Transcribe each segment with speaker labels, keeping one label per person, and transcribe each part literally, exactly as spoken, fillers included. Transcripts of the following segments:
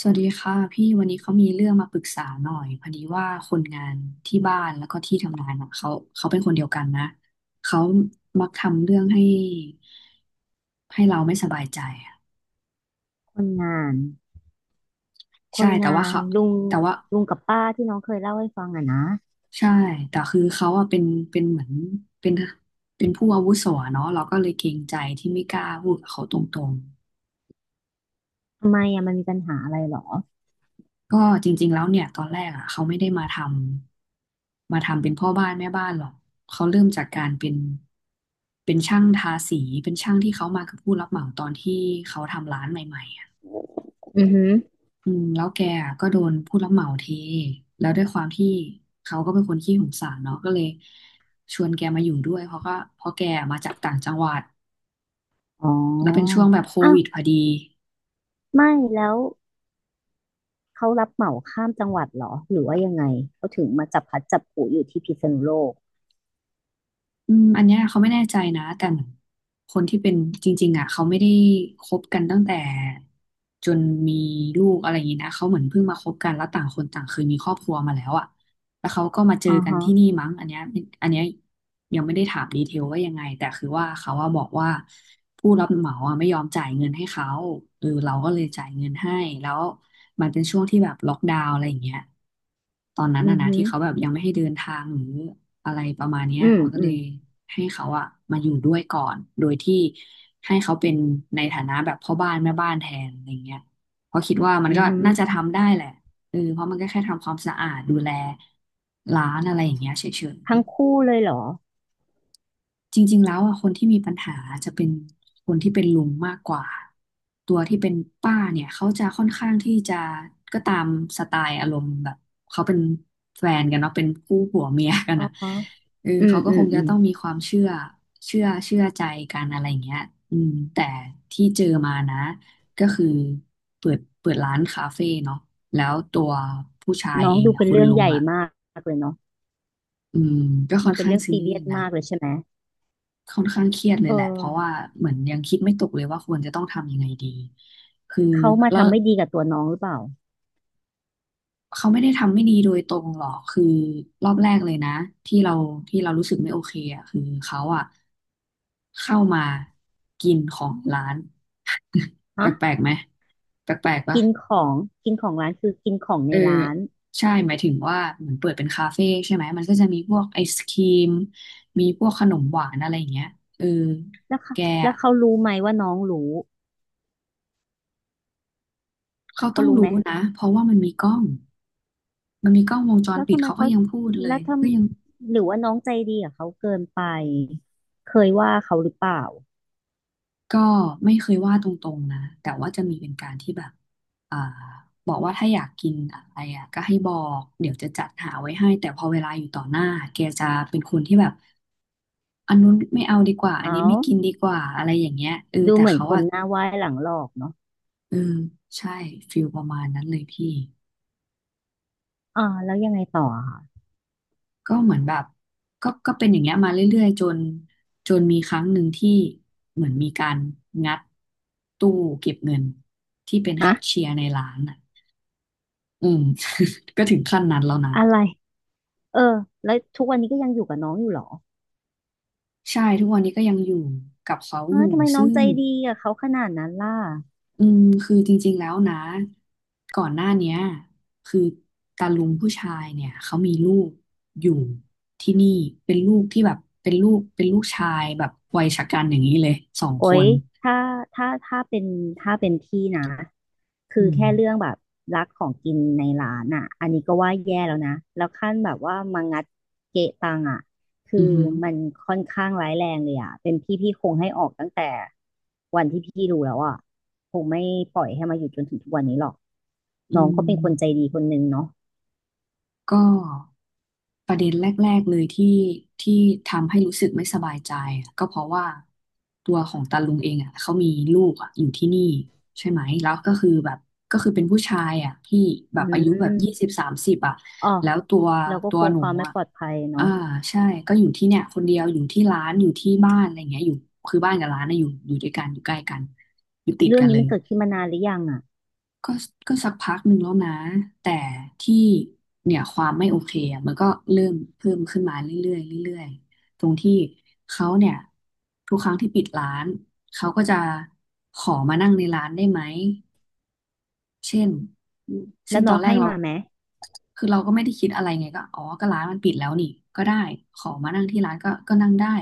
Speaker 1: สวัสดีค่ะพี่วันนี้เขามีเรื่องมาปรึกษาหน่อยพอดีว่าคนงานที่บ้านแล้วก็ที่ทำงานอ่ะเขาเขาเป็นคนเดียวกันนะเขามักทำเรื่องให้ให้เราไม่สบายใจอะ
Speaker 2: คนงานค
Speaker 1: ใช่
Speaker 2: น
Speaker 1: แต่
Speaker 2: งา
Speaker 1: ว่า
Speaker 2: น
Speaker 1: เขา
Speaker 2: ลุง
Speaker 1: แต่ว่า
Speaker 2: ลุงกับป้าที่น้องเคยเล่าให้ฟังอะนะ
Speaker 1: ใช่แต่คือเขาอ่ะเป็นเป็นเหมือนเป็นเป็นผู้อาวุโสอะเนาะเราก็เลยเกรงใจที่ไม่กล้าพูดกับเขาตรง
Speaker 2: ทำไมอะมันมีปัญหาอะไรหรอ
Speaker 1: ก็จริงๆ แล้วเนี่ยตอนแรกอ่ะเขาไม่ได้มาทำมาทำเป็นพ่อบ้านแม่บ้านหรอกเขาเริ่มจากการเป็นเป็นช่างทาสีเป็นช่างที่เขามากับผู้รับเหมาตอนที่เขาทำร้านใหม่ๆอ่ะ
Speaker 2: อือหือ
Speaker 1: อืมแล้วแกอะก็โดนผู้รับเหมาเทแล้วด้วยความที่เขาก็เป็นคนขี้สงสารเนาะก็เลยชวนแกมาอยู่ด้วยเพราะก็เพราะแกมาจากต่างจังหวัด
Speaker 2: อ๋
Speaker 1: แล้วเป็นช่
Speaker 2: อ
Speaker 1: วงแบบโค
Speaker 2: อ้าว
Speaker 1: วิดพอดี
Speaker 2: ไม่แล้วเขารับเหมาข้ามจังหวัดเหรอหรือว่ายังไงเขาถึงมาจับพลัดจับผลูอยู่ที่พิษณุโลก
Speaker 1: อืมอันเนี้ยเขาไม่แน่ใจนะแต่เหมือนคนที่เป็นจริงๆอ่ะเขาไม่ได้คบกันตั้งแต่จนมีลูกอะไรอย่างนี้นะเขาเหมือนเพิ่งมาคบกันแล้วต่างคนต่างเคยมีครอบครัวมาแล้วอ่ะ แล้วเขาก็มาเจอ
Speaker 2: อ๋อ
Speaker 1: กัน
Speaker 2: ฮะ
Speaker 1: ที่นี่มั้งอันเนี้ยอันเนี้ยยังไม่ได้ถามดีเทลว่ายังไงแต่คือว่าเขาว่าบอกว่าผู้รับเหมาอะไม่ยอมจ่ายเงินให้เขาเออเราก็เลยจ่ายเงินให้แล้วมันเป็นช่วงที่แบบล็อกดาวน์อะไรอย่างเงี้ยตอนนั้น
Speaker 2: อื
Speaker 1: อะ
Speaker 2: อ
Speaker 1: นะ
Speaker 2: ฮึ
Speaker 1: ที่เขาแบ
Speaker 2: อ
Speaker 1: บยังไม่ให้เดินทางหรืออะไรประมาณเนี้ย
Speaker 2: อืม
Speaker 1: เราก็
Speaker 2: อื
Speaker 1: เล
Speaker 2: ม
Speaker 1: ยให้เขาอะมาอยู่ด้วยก่อนโดยที่ให้เขาเป็นในฐานะแบบพ่อบ้านแม่บ้านแทนอะไรเงี้ยเพราะคิดว่ามัน
Speaker 2: อือ
Speaker 1: ก็
Speaker 2: ฮึ
Speaker 1: น่าจะทำได้แหละ เออเพราะมันก็แค่ทำความสะอาดดูแลร้านอะไรอย่างเงี้ยเฉย
Speaker 2: ทั้งคู่เลยเหรอ
Speaker 1: จริงๆ แล้วอ่ะคนที่มีปัญหาจะเป็นคนที่เป็นลุงมากกว่าตัวที่เป็นป้าเนี่ยเขาจะค่อนข้างที่จะก็ตามสไตล์อารมณ์แบบเขาเป็นแฟนกันเนาะเป็นคู่ผัวเมียกัน
Speaker 2: อ๋อ
Speaker 1: อ่ะ
Speaker 2: ฮะ
Speaker 1: เออ
Speaker 2: อืม
Speaker 1: เขาก็
Speaker 2: อื
Speaker 1: ค
Speaker 2: ม
Speaker 1: ง
Speaker 2: อื
Speaker 1: จะ
Speaker 2: ม
Speaker 1: ต้องมีความเชื่อเชื่อเชื่อใจกันอะไรอย่างเงี้ยอืมแต่ที่เจอมานะก็คือเปิดเปิดร้านคาเฟ่เนาะแล้วตัวผู้ชาย
Speaker 2: น้อ
Speaker 1: เอ
Speaker 2: ง
Speaker 1: ง
Speaker 2: ดู
Speaker 1: อ่ะ
Speaker 2: เป็น
Speaker 1: คุณ
Speaker 2: เรื่อง
Speaker 1: ลุ
Speaker 2: ให
Speaker 1: ง
Speaker 2: ญ่
Speaker 1: อ่ะ
Speaker 2: มากเลยเนาะ
Speaker 1: อืมก็ค่
Speaker 2: มั
Speaker 1: อ
Speaker 2: น
Speaker 1: น
Speaker 2: เป็น
Speaker 1: ข้าง
Speaker 2: เรื่อง
Speaker 1: ซี
Speaker 2: ซี
Speaker 1: เรี
Speaker 2: เรี
Speaker 1: ย
Speaker 2: ย
Speaker 1: ส
Speaker 2: ส
Speaker 1: นะ
Speaker 2: มากเลยใช่ไหม
Speaker 1: ค่อนข้างเครียดเลย
Speaker 2: เอ
Speaker 1: แหละ เพราะว่า
Speaker 2: อ
Speaker 1: เหมือนยังคิดไม่ตกเลยว่าควรจะต้องทำยังไงดีคือ
Speaker 2: เขามา
Speaker 1: แล้ว
Speaker 2: ทำไม่ดีกับตัวน้องหรือเปล่า
Speaker 1: เขาไม่ได้ทำไม่ดีโดยตรงหรอกคือรอบแรกเลยนะที่เราที่เรารู้สึกไม่โอเคอ่ะคือเขาอ่ะเข้ามากินของร้านแป
Speaker 2: ฮะ
Speaker 1: ลกๆไหมแปลกๆปะ
Speaker 2: กินของกินของร้านคือกินของ
Speaker 1: เอ
Speaker 2: ใน
Speaker 1: อ
Speaker 2: ร้าน
Speaker 1: ใช่หมายถึงว่าเหมือนเปิดเป็นคาเฟ่ใช่ไหมมันก็จะมีพวกไอศครีมมีพวกขนมหวานอะไรอย่างเงี้ยเออ
Speaker 2: แล้วค่ะ
Speaker 1: แก
Speaker 2: แล้
Speaker 1: อะ
Speaker 2: วเขารู้ไหมว่าน้องรู้
Speaker 1: เขา
Speaker 2: เขา
Speaker 1: ต้อง
Speaker 2: รู้ไหม
Speaker 1: รู้นะเพราะว่ามันมีกล้อง มันมีกล้องวงจร
Speaker 2: แล้ว
Speaker 1: ปิด
Speaker 2: ทำไม
Speaker 1: เขาก็
Speaker 2: เขา
Speaker 1: ยังพูดเล
Speaker 2: แล้
Speaker 1: ย
Speaker 2: วท
Speaker 1: ก็ยัง
Speaker 2: ำหรือว่าน้องใจดีกับเขาเกินไปเคยว่าเขาหรือเปล่า
Speaker 1: ก็ไม่เคยว่าตรงๆนะแต่ว่าจะมีเป็นการที่แบบอ่าบอกว่าถ้าอยากกินอะไรอ่ะก็ให้บอกเดี๋ยวจะจัดหาไว้ให้แต่พอเวลาอยู่ต่อหน้าแกจะเป็นคนที่แบบอันนู้นไม่เอาดีกว่าอัน
Speaker 2: เอา
Speaker 1: นี้ไม่กินดีกว่าอะไรอย่างเงี้ยเออ
Speaker 2: ดู
Speaker 1: แต่
Speaker 2: เหมือน
Speaker 1: เขา
Speaker 2: คน
Speaker 1: อ่ะ
Speaker 2: หน้าไหว้หลังหลอกเนาะ
Speaker 1: เออใช่ฟิลประมาณนั้นเลยพี่
Speaker 2: อ่าแล้วยังไงต่ออะคะ
Speaker 1: ก็เหมือนแบบก็ก็เป็นอย่างเงี้ยมาเรื่อยๆจนจนมีครั้งหนึ่งที่เหมือนมีการงัดตู้เก็บเงินที่เป็นแค
Speaker 2: ฮะ
Speaker 1: ชเชียร์ในร้านอ่ะอืม ก็ถึงขั้นนั้นแล้วนะ
Speaker 2: อะไรเออแล้วทุกวันนี้ก็ยังอยู่กับน้องอยู่เหรอ
Speaker 1: ใช่ทุกวันนี้ก็ยังอยู่กับเขา
Speaker 2: เอ
Speaker 1: อ
Speaker 2: อ
Speaker 1: ยู่
Speaker 2: ทำไมน้อ
Speaker 1: ซึ่
Speaker 2: งใจ
Speaker 1: ง
Speaker 2: ดีกับเขาขนาดนั้นล่ะ
Speaker 1: อืมคือจริงๆแล้วนะก่อนหน้าเนี้ยคือตาลุงผู้ชายเนี่ยเขามีลูกอยู่ที่นี่เป็นลูกที่แบบเป็นลูกเป็นลูกชายแบบวัยชะกันอย่างนี้เลยสอง
Speaker 2: โอ๊
Speaker 1: ค
Speaker 2: ย
Speaker 1: น
Speaker 2: ถ้าถ้าถ้าเป็นถ้าเป็นพี่นะคือ
Speaker 1: อืม
Speaker 2: แค่เรื่องแบบรักของกินในร้านอ่ะอันนี้ก็ว่าแย่แล้วนะแล้วขั้นแบบว่ามางัดเกะตังอ่ะคือ
Speaker 1: อือหือ
Speaker 2: มันค่อนข้างร้ายแรงเลยอ่ะเป็นพี่พี่คงให้ออกตั้งแต่วันที่พี่รู้แล้วอ่ะคงไม่ปล่อยให้มาอยู่จนถึงทุกวันนี้หรอก
Speaker 1: อื
Speaker 2: น้องก็
Speaker 1: ม
Speaker 2: เป็นคนใจดีคนหนึ่งเนาะ
Speaker 1: ก็ประเด็นแรกๆเลยที่ที่ทำให้รู้สึกไม่สบายใจอะก็เพราะว่าตัวของตาลุงเองอ่ะเขามีลูกอ่ะอยู่ที่นี่ใช่ไหมแล้วก็คือแบบก็คือเป็นผู้ชายอ่ะที่แบ
Speaker 2: อื
Speaker 1: บอายุแบบยี่สิบ
Speaker 2: ม
Speaker 1: สามสิบอ่ะ
Speaker 2: อ๋อ
Speaker 1: แล้วตัว
Speaker 2: เราก็
Speaker 1: ตั
Speaker 2: ก
Speaker 1: ว
Speaker 2: ลัว
Speaker 1: หนู
Speaker 2: ความไม่
Speaker 1: อ่ะ
Speaker 2: ปลอดภัย
Speaker 1: อ่า
Speaker 2: เนาะ
Speaker 1: ใช่ก็อยู่ที่เนี่ยคนเดียวอยู่ที่ร้านอยู่ที่บ้านอะไรเงี้ยอยู่คือบ้านกับร้านนะอยู่อยู่ด้วยกันอยู่ใกล้กันอยู่ติด
Speaker 2: เรื่อ
Speaker 1: กั
Speaker 2: ง
Speaker 1: นเล
Speaker 2: นี้มั
Speaker 1: ย
Speaker 2: นเกิดขึ้นมานานหรือยังอ่ะ
Speaker 1: ก็ก็สักพักหนึ่งแล้วนะแต่ที่เนี่ยความไม่โอเคอะมันก็เริ่มเพิ่มขึ้นมาเรื่อยๆเรื่อยๆตรงที่เขาเนี่ยทุกครั้งที่ปิดร้านเขาก็จะขอมานั่งในร้านได้ไหมเช่น
Speaker 2: อืมแล้
Speaker 1: ซึ่
Speaker 2: ว
Speaker 1: งต
Speaker 2: น้
Speaker 1: อ
Speaker 2: อ
Speaker 1: น
Speaker 2: ง
Speaker 1: แร
Speaker 2: ให้
Speaker 1: กเรา
Speaker 2: มาไหม
Speaker 1: คือเราก็ไม่ได้คิดอะไรไงก็อ๋อก็ร้านมันปิดแล้วนี่ก็ได้ขอมานั่งที่ร้านก็ก็นั่งได้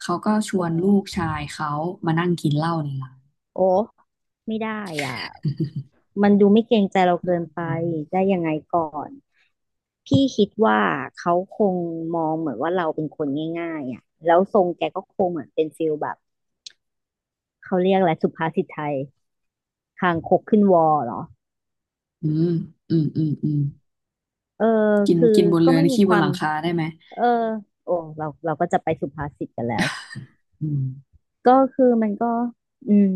Speaker 1: เขาก็ช
Speaker 2: อ๋
Speaker 1: ว
Speaker 2: อ
Speaker 1: นลูกชายเขามานั่งกินเหล้าในร้าน
Speaker 2: โอ้ไม่ได้อ่ะมันดูไม่เกรงใจเรา
Speaker 1: อื
Speaker 2: เกิน
Speaker 1: ม
Speaker 2: ไปได้ยังไงก่อนพี่คิดว่าเขาคงมองเหมือนว่าเราเป็นคนง่ายๆอ่ะแล้วทรงแกก็คงเหมือนเป็นฟิลแบบเขาเรียกอะไรสุภาษิตไทยคางคกขึ้นวอเหรอ
Speaker 1: อืมอืมอืมอืม
Speaker 2: เออ
Speaker 1: กิน
Speaker 2: คือ
Speaker 1: กินบน
Speaker 2: ก็
Speaker 1: เรือ
Speaker 2: ไม่
Speaker 1: นี่
Speaker 2: มี
Speaker 1: ขี้
Speaker 2: ค
Speaker 1: บน
Speaker 2: วา
Speaker 1: ห
Speaker 2: ม
Speaker 1: ลังคาได้ไหม
Speaker 2: เออโอ้เราเราก็จะไปสุภาษิตกันแล้ว
Speaker 1: อืม
Speaker 2: ก็คือมันก็อืม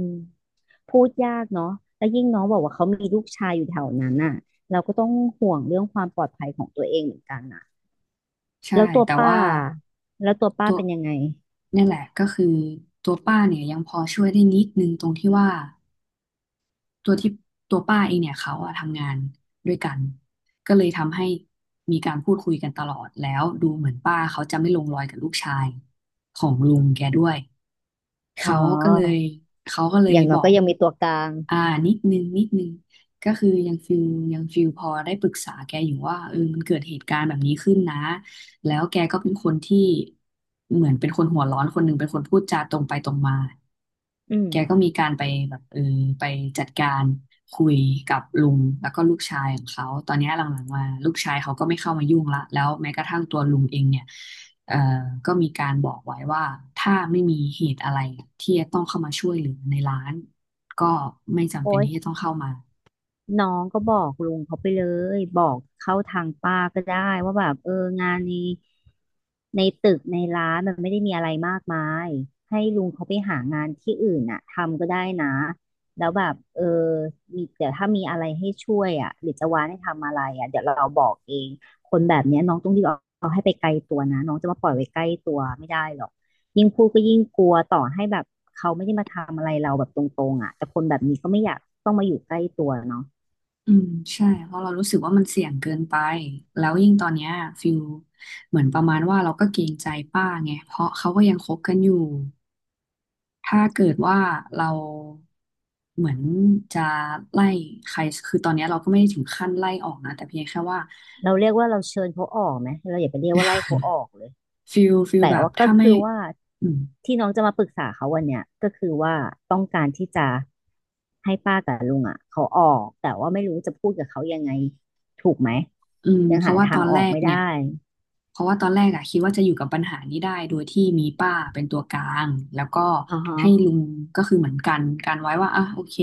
Speaker 2: พูดยากเนาะแล้วยิ่งน้องบอกว่าเขามีลูกชายอยู่แถวนั้นน่ะเราก็ต้องห่วงเรื่องความปลอดภัยของตัวเองเหมือนกันน่ะ
Speaker 1: ใช่
Speaker 2: แล้วตัว
Speaker 1: แต่
Speaker 2: ป้า
Speaker 1: ว่า
Speaker 2: แล้วตัวป้า
Speaker 1: ตัว
Speaker 2: เป็นยังไง
Speaker 1: เนี่ยแหละก็คือตัวป้าเนี่ยยังพอช่วยได้นิดนึงตรงที่ว่าตัวที่ตัวป้าเองเนี่ยเขาอะทำงานด้วยกันก็เลยทำให้มีการพูดคุยกันตลอดแล้วดูเหมือนป้าเขาจะไม่ลงรอยกับลูกชายของลุงแกด้วย
Speaker 2: อ๋อ
Speaker 1: เขาก็เลยเขาก็เล
Speaker 2: อ
Speaker 1: ย
Speaker 2: ย่างน้
Speaker 1: บ
Speaker 2: อ
Speaker 1: อ
Speaker 2: ยก็
Speaker 1: ก
Speaker 2: ยังมีตัวกลาง
Speaker 1: อ่านิดนึงนิดนึงก็คือยังฟิลยังฟิลพอได้ปรึกษาแกอยู่ว่าเออมันเกิดเหตุการณ์แบบนี้ขึ้นนะแล้วแกก็เป็นคนที่เหมือนเป็นคนหัวร้อนคนหนึ่งเป็นคนพูดจาตรงไปตรงมา
Speaker 2: อืม
Speaker 1: แกก็มีการไปแบบเออไปจัดการคุยกับลุงแล้วก็ลูกชายของเขาตอนเนี้ยหลังๆมาลูกชายเขาก็ไม่เข้ามายุ่งละแล้วแม้กระทั่งตัวลุงเองเนี่ยเอ่อก็มีการบอกไว้ว่าถ้าไม่มีเหตุอะไรที่จะต้องเข้ามาช่วยเหลือในร้านก็ไม่จำเป็
Speaker 2: โอ้
Speaker 1: น
Speaker 2: ย
Speaker 1: ที่จะต้องเข้ามา
Speaker 2: น้องก็บอกลุงเขาไปเลยบอกเข้าทางป้าก็ได้ว่าแบบเอองานในในตึกในร้านมันไม่ได้มีอะไรมากมายให้ลุงเขาไปหางานที่อื่นน่ะทำก็ได้นะแล้วแบบเออมีเดี๋ยวถ้ามีอะไรให้ช่วยอ่ะหรือจะวานให้ทำอะไรอ่ะเดี๋ยวเราบอกเองคนแบบเนี้ยน้องต้องรีบเอาเอาให้ไปไกลตัวนะน้องจะมาปล่อยไว้ใกล้ตัวไม่ได้หรอกยิ่งพูดก็ยิ่งกลัวต่อให้แบบเขาไม่ได้มาทำอะไรเราแบบตรงๆอ่ะแต่คนแบบนี้ก็ไม่อยากต้องมาอยู่ใกล้ตัวเนาะ
Speaker 1: อืมใช่เพราะเรารู้สึกว่ามันเสี่ยงเกินไปแล้วยิ่งตอนเนี้ยฟิลเหมือนประมาณว่าเราก็เกรงใจป้าไงเพราะเขาก็ยังคบกันอยู่ ถ้าเกิดว่าเราเหมือนจะไล่ใครคือตอนนี้เราก็ไม่ได้ถึงขั้นไล่ออกนะแต่เพียงแค่ว่า
Speaker 2: เราเรียกว่าเราเชิญเขาออกไหมเราอย่าไปเรียกว่าไล่เขาออกเลย
Speaker 1: ฟิลฟิล
Speaker 2: แต่
Speaker 1: แบบ
Speaker 2: ว่าก็
Speaker 1: ถ้าไม่
Speaker 2: คือว่า
Speaker 1: อืม
Speaker 2: ที่น้องจะมาปรึกษาเขาวันเนี้ยก็คือว่าต้องการที่จะให้ป้ากับลุงอ่ะเขาออกแต่ว่าไม่รู้จะพูดกับเขายังไงถูกไหม
Speaker 1: อืม
Speaker 2: ยัง
Speaker 1: เพราะ
Speaker 2: หา
Speaker 1: ว่าต
Speaker 2: ทา
Speaker 1: อ
Speaker 2: ง
Speaker 1: น
Speaker 2: อ
Speaker 1: แร
Speaker 2: อก
Speaker 1: ก
Speaker 2: ไม่ได้
Speaker 1: เนี่ยเพราะว่าตอนแรกอะคิดว่าจะอยู่กับปัญหานี้ได้โดยที่มีป้าเป็นตัวกลางแล้วก็
Speaker 2: อ่าฮะ
Speaker 1: ให้ลุงก็คือเหมือนกันการไว้ว่าอ่ะโอเค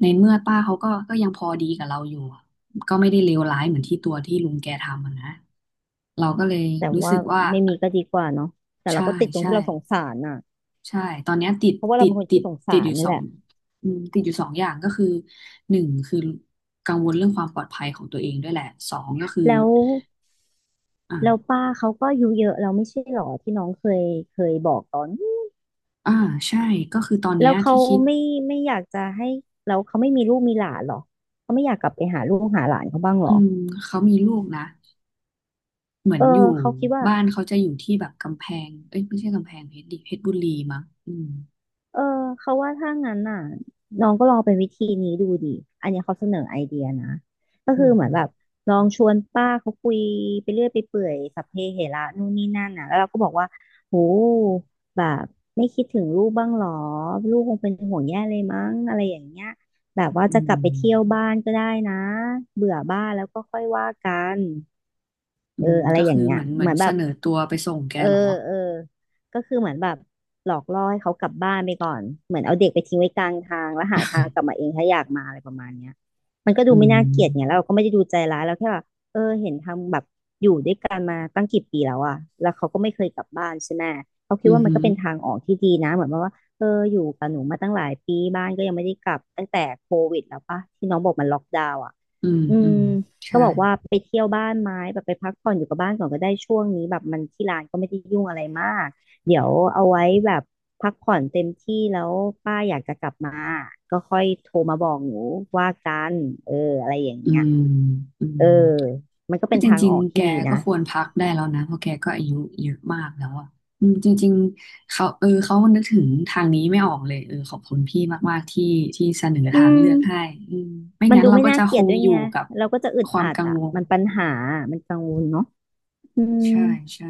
Speaker 1: ในเมื่อป้าเขาก็ก็ยังพอดีกับเราอยู่อะก็ไม่ได้เลวร้ายเหมือนที่ตัวที่ลุงแกทำอะนะเราก็เลย
Speaker 2: แต่
Speaker 1: รู้สึ
Speaker 2: ว่า
Speaker 1: กว่า
Speaker 2: ไม่มีก็ดีกว่าเนาะแต่เรา
Speaker 1: ใช่
Speaker 2: ก็ติดตรง
Speaker 1: ใช่
Speaker 2: ที่เราสงสารน่ะ
Speaker 1: ใช่ตอนเนี้ยติด
Speaker 2: เพราะว่าเรา
Speaker 1: ติด
Speaker 2: เป็นคน
Speaker 1: ติ
Speaker 2: ขี้
Speaker 1: ด
Speaker 2: สงสา
Speaker 1: ติดอ
Speaker 2: ร
Speaker 1: ยู่
Speaker 2: นี่
Speaker 1: สอ
Speaker 2: แห
Speaker 1: ง
Speaker 2: ละ
Speaker 1: อืมติดอยู่สองอย่างก็คือหนึ่งคือกังวลเรื่องความปลอดภัยของตัวเองด้วยแหละสองก็คือ
Speaker 2: แล้วแล้ว
Speaker 1: อ่า
Speaker 2: ป้าเขาก็อายุเยอะเราไม่ใช่หรอที่น้องเคยเคยบอกตอน
Speaker 1: อ่าใช่ก็คือตอนเนี้
Speaker 2: แล้
Speaker 1: ย
Speaker 2: วเขา
Speaker 1: ที่คิด
Speaker 2: ไม่ไม่อยากจะให้แล้วเขาไม่มีลูกมีหลานเหรอเขาไม่อยากกลับไปหาลูกหาหลานเขาบ้างเหร
Speaker 1: อื
Speaker 2: อ
Speaker 1: มเขามีลูกนะเหมือ
Speaker 2: เอ
Speaker 1: น
Speaker 2: อ
Speaker 1: อยู่
Speaker 2: เขาคิดว่า
Speaker 1: บ้านเขาจะอยู่ที่แบบกำแพงเอ้ยไม่ใช่กำแพงเพชรดิเพชรบุรีมั้งอืม
Speaker 2: เออเขาว่าถ้างั้นน่ะน้องก็ลองเป็นวิธีนี้ดูดิอันเนี้ยเขาเสนอไอเดียนะก็
Speaker 1: อื
Speaker 2: คือ
Speaker 1: ม
Speaker 2: เหมื
Speaker 1: อื
Speaker 2: อน
Speaker 1: ม
Speaker 2: แบบลองชวนป้าเขาคุยไปเรื่อยไปเปื่อยสัพเพเหระนู่นนี่นั่นน่ะแล้วเราก็บอกว่าโหแบบไม่คิดถึงลูกบ้างหรอลูกคงเป็นห่วงแย่เลยมั้งอะไรอย่างเงี้ยแบบว่า
Speaker 1: อื
Speaker 2: จะกลับไป
Speaker 1: ม
Speaker 2: เที่ยวบ้านก็ได้นะเบื่อบ้านแล้วก็ค่อยว่ากัน
Speaker 1: อื
Speaker 2: เอ
Speaker 1: ม
Speaker 2: ออะไร
Speaker 1: ก็
Speaker 2: อย่า
Speaker 1: คือ
Speaker 2: งเงี้ย
Speaker 1: เหมือนเหมื
Speaker 2: เห
Speaker 1: อ
Speaker 2: มื
Speaker 1: น
Speaker 2: อนแบ
Speaker 1: เส
Speaker 2: บ
Speaker 1: นอตัวไปส่งแก
Speaker 2: เออ
Speaker 1: เหรอ
Speaker 2: เออก็คือเหมือนแบบหลอกล่อให้เขากลับบ้านไปก่อนเหมือนเอาเด็กไปทิ้งไว้กลางทางแล้วหาทางกลับมาเองถ้าอยากมาอะไรประมาณเนี้ยมันก็ดู
Speaker 1: อื
Speaker 2: ไม่น่าเกลียดไงแล้
Speaker 1: ม
Speaker 2: วเราก็ไม่ได้ดูใจร้ายเราแค่ว่าเออเห็นทำแบบอยู่ด้วยกันมาตั้งกี่ปีแล้วอะแล้วเขาก็ไม่เคยกลับบ้านใช่ไหมเขาคิ
Speaker 1: อื
Speaker 2: ด
Speaker 1: มอ
Speaker 2: ว่ามั
Speaker 1: หื
Speaker 2: นก็
Speaker 1: อ
Speaker 2: เป็นทางออกที่ดีนะเหมือนว่าเอออยู่กับหนูมาตั้งหลายปีบ้านก็ยังไม่ได้กลับตั้งแต่โควิดแล้วปะที่น้องบอกมันล็อกดาวน์อะ
Speaker 1: อืม
Speaker 2: อื
Speaker 1: อื
Speaker 2: ม
Speaker 1: ม
Speaker 2: ก็
Speaker 1: ใช่
Speaker 2: บอกว่าไปเที่ยวบ้านไหม้แบบไปพักผ่อนอยู่กับบ้านก่อนก็ได้ช่วงนี้แบบมันที่ร้านก็ไม่ได้ยุ่งอะไรมากเดี๋ยวเอาไว้แบบพักผ่อนเต็มที่แล้วป้าอยากจะกลับมาก็ค่อยโทรมาบอกหนูว่ากันเอออะไรอย่าง
Speaker 1: อื
Speaker 2: เงี้ย
Speaker 1: มอืม
Speaker 2: เออมันก็
Speaker 1: คื
Speaker 2: เป็
Speaker 1: อ
Speaker 2: น
Speaker 1: จ
Speaker 2: ทาง
Speaker 1: ริง
Speaker 2: ออก
Speaker 1: ๆแก
Speaker 2: ที่ดี
Speaker 1: ก็
Speaker 2: นะ
Speaker 1: ควรพักได้แล้วนะเพราะแกก็อายุเยอะมากแล้วอ่ะอืมจริงๆเขาเออเขานึกถึงทางนี้ไม่ออกเลยเออขอบคุณพี่มากๆที่ที่เสนอ
Speaker 2: อื
Speaker 1: ทาง
Speaker 2: ม
Speaker 1: เลือกให้อืมไม่
Speaker 2: มัน
Speaker 1: งั้น
Speaker 2: ดู
Speaker 1: เรา
Speaker 2: ไม่
Speaker 1: ก็
Speaker 2: น่า
Speaker 1: จะ
Speaker 2: เก
Speaker 1: ค
Speaker 2: ลียด
Speaker 1: ง
Speaker 2: ด้วย
Speaker 1: อ
Speaker 2: ไง
Speaker 1: ยู่กับ
Speaker 2: เราก็จะอึด
Speaker 1: ความ
Speaker 2: อัด
Speaker 1: กัง
Speaker 2: อ่ะ
Speaker 1: วล
Speaker 2: มันปัญหามันกังวลเนาะอืม
Speaker 1: ใช่ใช่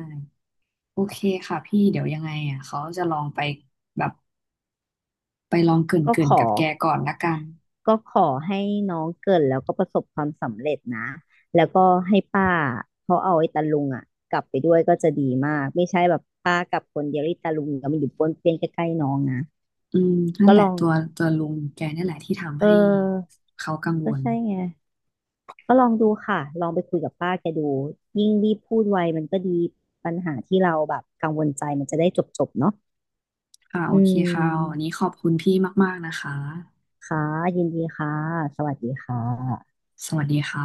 Speaker 1: โอเคค่ะพี่เดี๋ยวยังไงอ่ะเขาจะลองไปแบบไปลองเกร
Speaker 2: ก็
Speaker 1: ิ่
Speaker 2: ข
Speaker 1: นๆ
Speaker 2: อ
Speaker 1: กับแกก่อนละกัน
Speaker 2: ก็ขอให้น้องเกิดแล้วก็ประสบความสำเร็จนะ แล้วก็ให้ป้าเขาเอาไอ้ตาลุงอ่ะกลับไปด้วยก็จะดีมากไม่ใช่แบบป้ากลับคนเดียวไอ้ตาลุงก็มันอยู่ป้วนเปี้ยนใกล้ๆน้องนะ
Speaker 1: อืมนั่
Speaker 2: ก็
Speaker 1: นแห
Speaker 2: ล
Speaker 1: ละ
Speaker 2: อง
Speaker 1: ตัวตัวลุงแกนี่แหละที่ทำ
Speaker 2: เอ
Speaker 1: ให้
Speaker 2: อ
Speaker 1: เขากังว
Speaker 2: ก็
Speaker 1: ล
Speaker 2: ใช่ไงก็ลองดูค่ะลองไปคุยกับป้าแกดูยิ่งรีบพูดไวมันก็ดีปัญหาที่เราแบบกังวลใจมันจะได้จบๆเนาะ
Speaker 1: ค่ะโอ
Speaker 2: อื
Speaker 1: เคค่ะวัน
Speaker 2: ม
Speaker 1: นี้ขอบคุณพี่มากๆนะคะ
Speaker 2: ค่ะยินดีค่ะสวัสดีค่ะ
Speaker 1: สวัสดีค่ะ